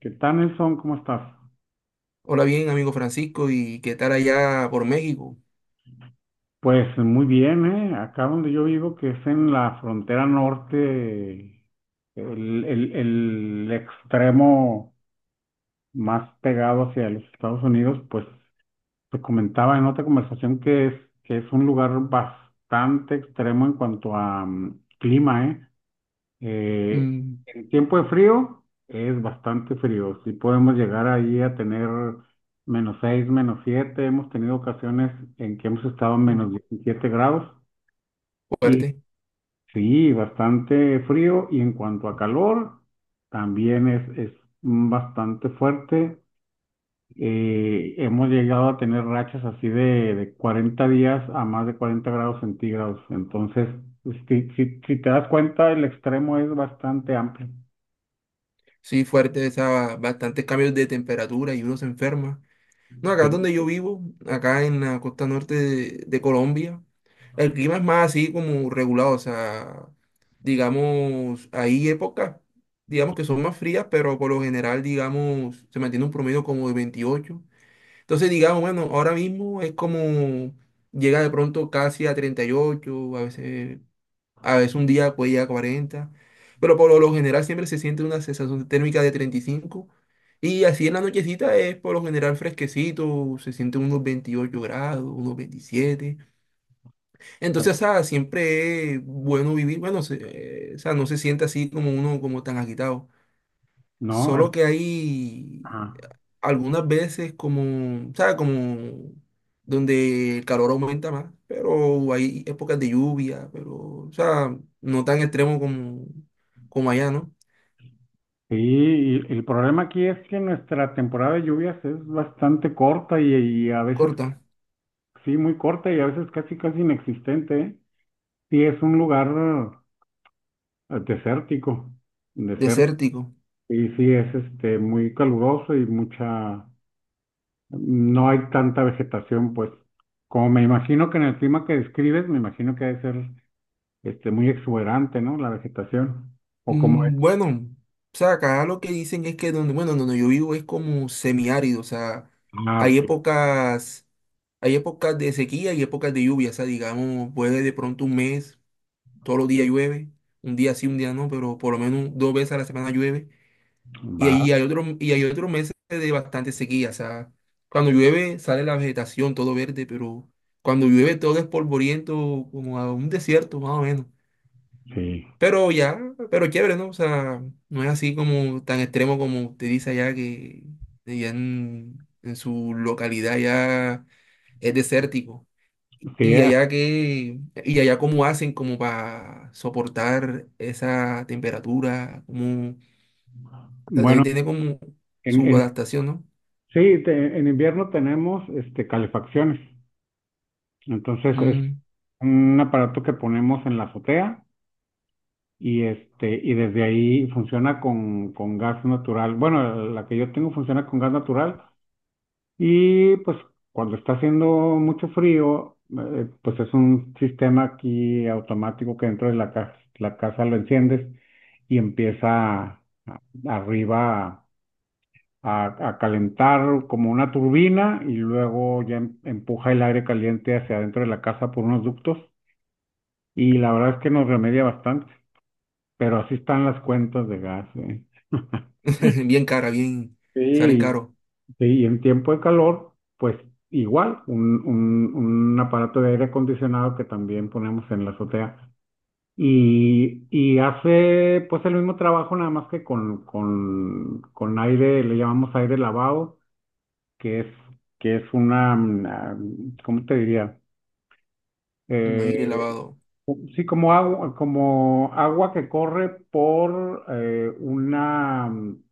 ¿Qué tal, Nelson? ¿Cómo estás? Hola, bien, amigo Francisco, ¿y qué tal allá por México? Pues muy bien, ¿eh? Acá donde yo vivo, que es en la frontera norte, el extremo más pegado hacia los Estados Unidos, pues te comentaba en otra conversación que es un lugar bastante extremo en cuanto a clima, ¿eh? Eh, Mm, en tiempo de frío es bastante frío. Sí podemos llegar ahí a tener -6, -7. Hemos tenido ocasiones en que hemos estado en uf, -17 grados. Y fuerte, sí, bastante frío. Y en cuanto a calor, también es bastante fuerte. Hemos llegado a tener rachas así de 40 días a más de 40 grados centígrados. Entonces, si te das cuenta, el extremo es bastante amplio. sí, fuerte, esa, bastantes cambios de temperatura y uno se enferma. No, acá Sí. donde yo vivo, acá en la costa norte de Colombia, el clima es más así como regulado, o sea, digamos, hay épocas, digamos que son más frías, pero por lo general, digamos, se mantiene un promedio como de 28. Entonces, digamos, bueno, ahora mismo es como llega de pronto casi a 38, a veces un día puede llegar a 40, pero por lo general siempre se siente una sensación térmica de 35, y así en la nochecita es por lo general fresquecito, se siente unos 28 grados, unos 27. Entonces, o sea, siempre es bueno vivir, bueno, o sea, no se siente así como uno como tan agitado. No, Solo es- que hay Ajá. algunas veces como, ¿sabes? Como donde el calor aumenta más, pero hay épocas de lluvia, pero, o sea, no tan extremo como allá, ¿no? Sí, y el problema aquí es que nuestra temporada de lluvias es bastante corta y a veces, Corta, sí, muy corta y a veces casi inexistente, ¿eh? Sí, es un lugar eh, desértico, desértico, desértico. y sí, es este, muy caluroso y no hay tanta vegetación, pues, como me imagino que en el clima que describes, me imagino que debe ser este, muy exuberante, ¿no? La vegetación, o como es. Mm, bueno, o sea, acá lo que dicen es que donde, bueno, donde yo vivo es como semiárido, o sea, Ah, hay ok, épocas, hay épocas de sequía y épocas de lluvia, o sea, digamos, puede de pronto un mes, todos los días llueve, un día sí, un día no, pero por lo menos dos veces a la semana llueve. Y va. ahí hay otros, y hay otros meses de bastante sequía. O sea, cuando llueve sale la vegetación todo verde, pero cuando llueve todo es polvoriento, como a un desierto, más o menos. Sí, Pero ya, pero chévere, ¿no? O sea, no es así como tan extremo como usted dice allá, que allá en su localidad ya es desértico. sí. Y allá que, y allá, ¿cómo hacen como para soportar esa temperatura? Como, o sea, deben Bueno, tener como en, su en- adaptación, ¿no? sí, en invierno tenemos este, calefacciones. Entonces es Mm, un aparato que ponemos en la azotea y, este, y desde ahí funciona con gas natural. Bueno, la que yo tengo funciona con gas natural y pues cuando está haciendo mucho frío, pues es un sistema aquí automático que dentro de la casa lo enciendes y arriba a calentar como una turbina y luego ya empuja el aire caliente hacia adentro de la casa por unos ductos y la verdad es que nos remedia bastante, pero así están las cuentas de gas, ¿eh? bien cara, bien, salen Sí, caro, sí, y en tiempo de calor, pues igual, un aparato de aire acondicionado que también ponemos en la azotea. Y hace pues el mismo trabajo, nada más que con aire, le llamamos aire lavado, que es, que es una, ¿cómo te diría? un aire Eh, lavado. sí, como agua que corre por una, mm,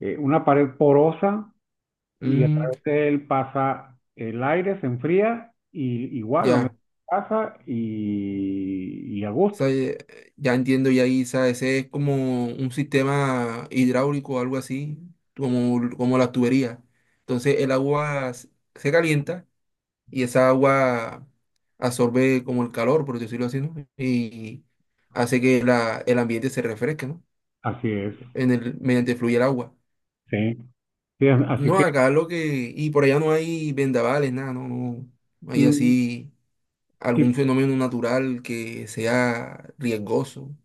eh, una pared porosa y a Mm, través de él pasa el aire, se enfría y igual lo ya, metes en casa y a o gusto. sea, ya entiendo, ya ahí, o sea, ese es como un sistema hidráulico o algo así, como la tubería. Entonces el agua se calienta y esa agua absorbe como el calor, por decirlo así, ¿no? Y hace que el ambiente se refresque, ¿no? Así es, Mediante fluye el agua. sí. Sí, así No, que acá lo que, y por allá no hay vendavales, nada, no, no, no hay mm, así sí, algún fenómeno natural que sea riesgoso.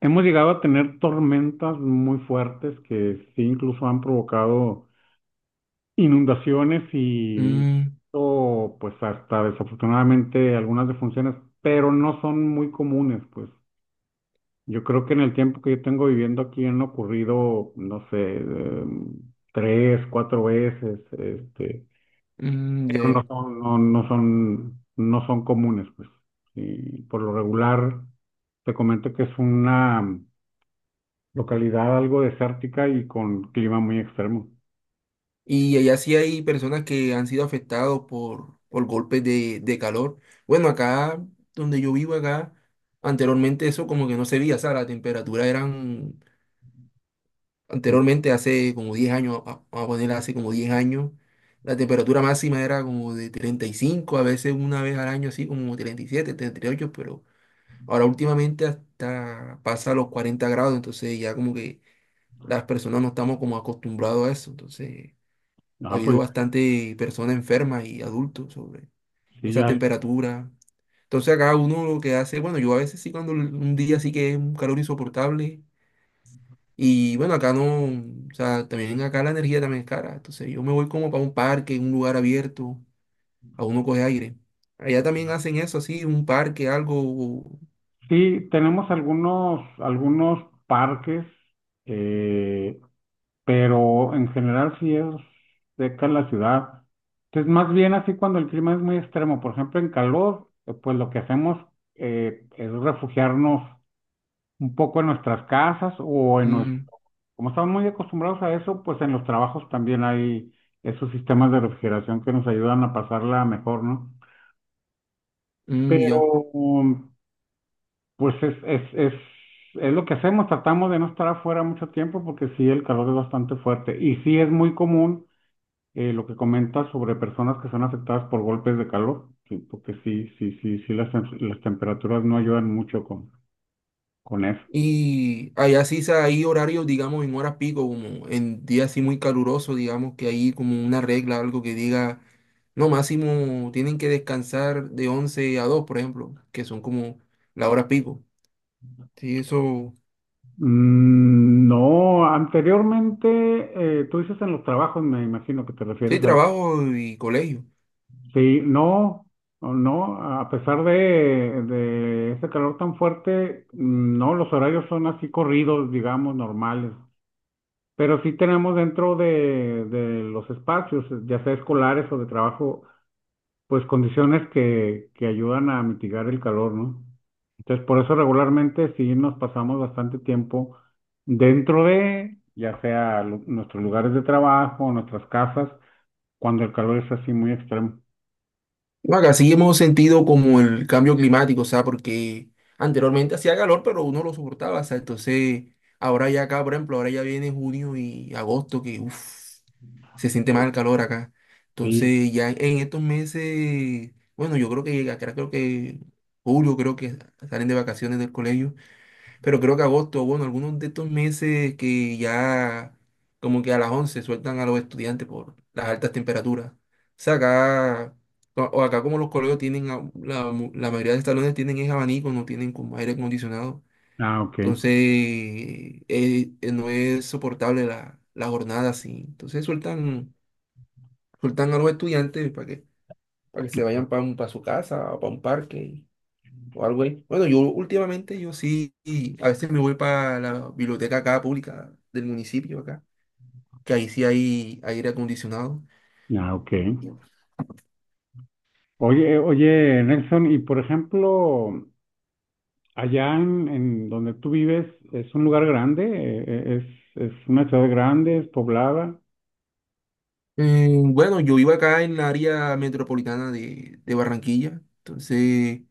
hemos llegado a tener tormentas muy fuertes que sí incluso han provocado inundaciones y Mm, o pues hasta desafortunadamente algunas defunciones, pero no son muy comunes, pues. Yo creo que en el tiempo que yo tengo viviendo aquí han ocurrido, no sé, tres, cuatro veces, este, mm, ya, pero ya. No son comunes, pues. Y por lo regular, te comento que es una localidad algo desértica y con clima muy extremo. Y allá sí hay personas que han sido afectados por golpes de calor. Bueno, acá donde yo vivo, acá, anteriormente eso como que no se veía, o sea, la temperatura eran, Mm. anteriormente hace como 10 años, vamos a poner hace como 10 años, la temperatura máxima era como de 35, a veces una vez al año así como treinta y siete 38, pero ahora últimamente hasta pasa los 40 grados. Entonces ya como que las personas no estamos como acostumbrados a eso. Entonces ha Ah, habido pues bastante personas enfermas y adultos sobre sí, esa ya. temperatura. Entonces acá uno lo que hace, bueno, yo a veces sí, cuando un día sí que es un calor insoportable. Y bueno, acá no, o sea, también acá la energía también es cara. Entonces yo me voy como para un parque, un lugar abierto, a uno coge aire. Allá también hacen eso, así, un parque, algo. o- Sí, tenemos algunos, algunos parques, eh, pero en general sí es seca la ciudad. Entonces, más bien así cuando el clima es muy extremo, por ejemplo, en calor, pues lo que hacemos es refugiarnos un poco en nuestras casas o en nuestro, Mm, como estamos muy acostumbrados a eso, pues en los trabajos también hay esos sistemas de refrigeración que nos ayudan a pasarla mejor, ¿no? mm, ya. Pero um, pues es lo que hacemos, tratamos de no estar afuera mucho tiempo porque sí, el calor es bastante fuerte y sí es muy común lo que comentas sobre personas que son afectadas por golpes de calor, sí, porque sí, las temperaturas no ayudan mucho con eso. Y allá sí hay horarios, digamos, en horas pico, como en días así muy calurosos, digamos que hay como una regla, algo que diga, no, máximo tienen que descansar de 11 a 2, por ejemplo, que son como la hora pico. Sí, eso, Mm, no, anteriormente, tú dices en los trabajos, me imagino que te sí, refieres a... trabajo y colegio. Sí, no, no, a pesar de ese calor tan fuerte, no, los horarios son así corridos, digamos, normales. Pero sí tenemos dentro de los espacios, ya sea escolares o de trabajo, pues condiciones que ayudan a mitigar el calor, ¿no? Entonces, por eso regularmente sí nos pasamos bastante tiempo dentro de, ya sea nuestros lugares de trabajo, nuestras casas, cuando el calor es así muy extremo. No, acá sí hemos sentido como el cambio climático, o sea, porque anteriormente hacía calor, pero uno lo soportaba. O sea, entonces ahora ya acá, por ejemplo, ahora ya viene junio y agosto, que uff. Se siente más el calor acá. Sí, Entonces, ya en estos meses, bueno, yo creo que llega, creo que julio, creo que salen de vacaciones del colegio, pero creo que agosto, bueno, algunos de estos meses que ya como que a las 11 sueltan a los estudiantes por las altas temperaturas. O sea, acá, o acá como los colegios tienen, la mayoría de los salones tienen es abanico, no tienen como aire acondicionado. ah, ok. Entonces, no es soportable la jornada así. Entonces sueltan Soltan a los estudiantes para que, se vayan para su casa o para un parque o algo ahí. Bueno, yo últimamente yo sí, a veces me voy para la biblioteca acá pública del municipio acá, que ahí sí hay aire acondicionado. Ah, ok. Oye, oye, Nelson, y por ejemplo, allá en donde tú vives, ¿es un lugar grande? Es una ciudad grande? ¿Es poblada? Bueno, yo vivo acá en la área metropolitana de Barranquilla. Entonces,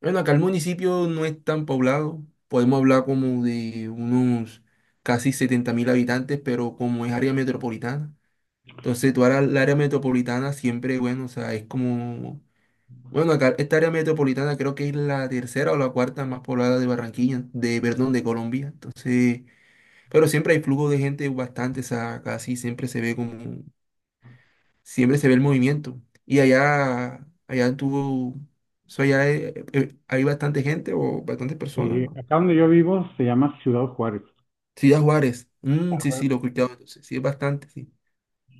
bueno, acá el municipio no es tan poblado, podemos hablar como de unos casi 70.000 habitantes, pero como es área metropolitana. Entonces, tú ahora la área metropolitana siempre, bueno, o sea, es como, bueno, acá esta área metropolitana creo que es la tercera o la cuarta más poblada de Barranquilla, de, perdón, de Colombia. Entonces, pero siempre hay flujo de gente bastante, o sea, casi siempre se ve como, siempre se ve el movimiento. Y allá, allá tuvo, o sea, allá hay, hay bastante gente o bastantes personas, Y ¿no? acá donde yo vivo se llama Ciudad Juárez. Sí, a Juárez. Mm, A sí, ver. sí, lo he escuchado. Entonces, sí, es bastante, sí.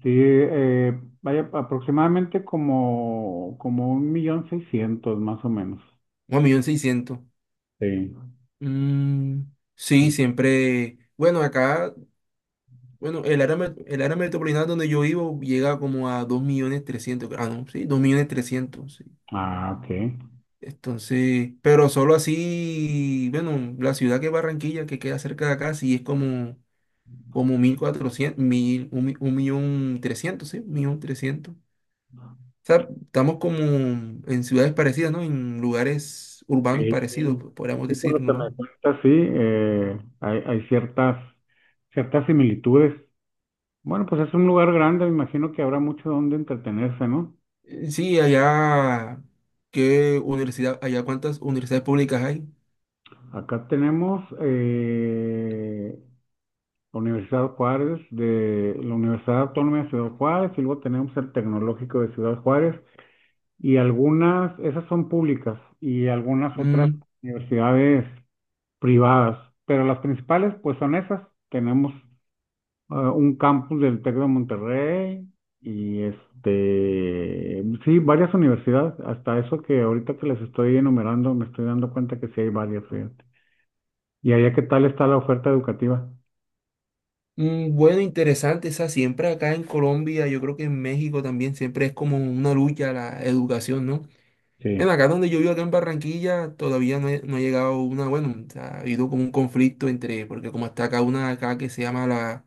Sí, vaya, aproximadamente como, como 1.600.000, más o menos. 1.600.000. Sí. Mm, sí, siempre. Bueno, acá, bueno, el área metropolitana donde yo vivo llega como a 2.300.000. Ah, no, sí, 2.300.000, sí. Ah, ok. Entonces, pero solo así, bueno, la ciudad que es Barranquilla, que queda cerca de acá, sí es como, 1.400 1.000 un millón trescientos, sí, 1.300.000. O sea, estamos como en ciudades parecidas, ¿no? En lugares urbanos Sí, parecidos, sí, podríamos sí, por lo decirlo, que me ¿no? cuentas, sí, hay, hay ciertas, ciertas similitudes. Bueno, pues es un lugar grande, me imagino que habrá mucho donde entretenerse, ¿no? Sí, allá, ¿Allá cuántas universidades públicas hay? Acá tenemos la Universidad Juárez, de la Universidad Autónoma de Ciudad Juárez, y luego tenemos el Tecnológico de Ciudad Juárez, y algunas, esas son públicas, y algunas otras Mm, universidades privadas, pero las principales pues son esas. Tenemos un campus del TEC de Monterrey y este, sí, varias universidades, hasta eso que ahorita que les estoy enumerando, me estoy dando cuenta que sí hay varias, fíjate. ¿Y allá qué tal está la oferta educativa? mm, bueno, interesante. Esa siempre acá en Colombia, yo creo que en México también siempre es como una lucha la educación, ¿no? Sí. En acá donde yo vivo, acá en Barranquilla, todavía no, no ha llegado una, bueno, o sea, ha habido como un conflicto entre, porque como está acá una acá que se llama la,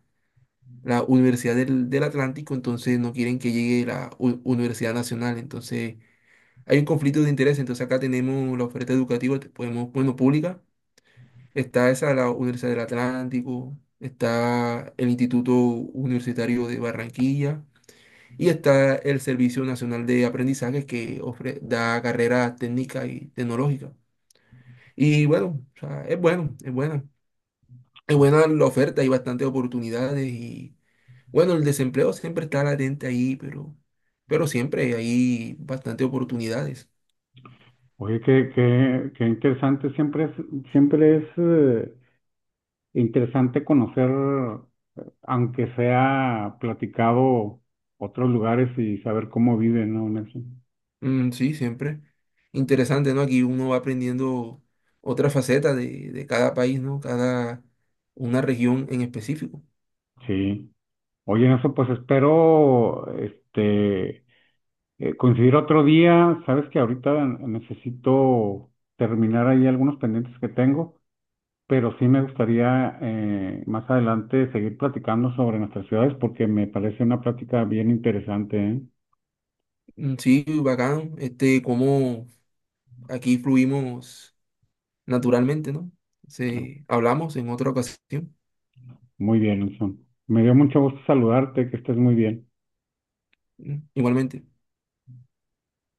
la Universidad del Atlántico, entonces no quieren que llegue la Universidad Nacional, entonces... hay un conflicto de interés. Entonces acá tenemos la oferta educativa, podemos, bueno, pública, está esa, la Universidad del Atlántico, está el Instituto Universitario de Barranquilla y está el Servicio Nacional de Aprendizaje, que da carreras técnicas y tecnológicas. Y bueno, o sea, es bueno, es buena. Es Oh. buena la oferta, hay bastantes oportunidades y bueno, el desempleo siempre está latente ahí, pero, siempre hay bastantes oportunidades. Oye, qué interesante, siempre es interesante conocer, aunque sea platicado, otros lugares y saber cómo viven, ¿no, Nelson? Mm, sí, siempre. Interesante, ¿no? Aquí uno va aprendiendo otra faceta de cada país, ¿no? Cada una región en específico. Sí. Oye, eso pues espero, este... coincidir otro día, sabes que ahorita necesito terminar ahí algunos pendientes que tengo, pero sí me gustaría más adelante seguir platicando sobre nuestras ciudades porque me parece una plática bien interesante, ¿eh? Mm, sí, bacán. Este, cómo aquí fluimos naturalmente, ¿no? Hablamos en otra ocasión. Muy bien, Nelson. Me dio mucho gusto saludarte, que estés muy bien. Mm, igualmente.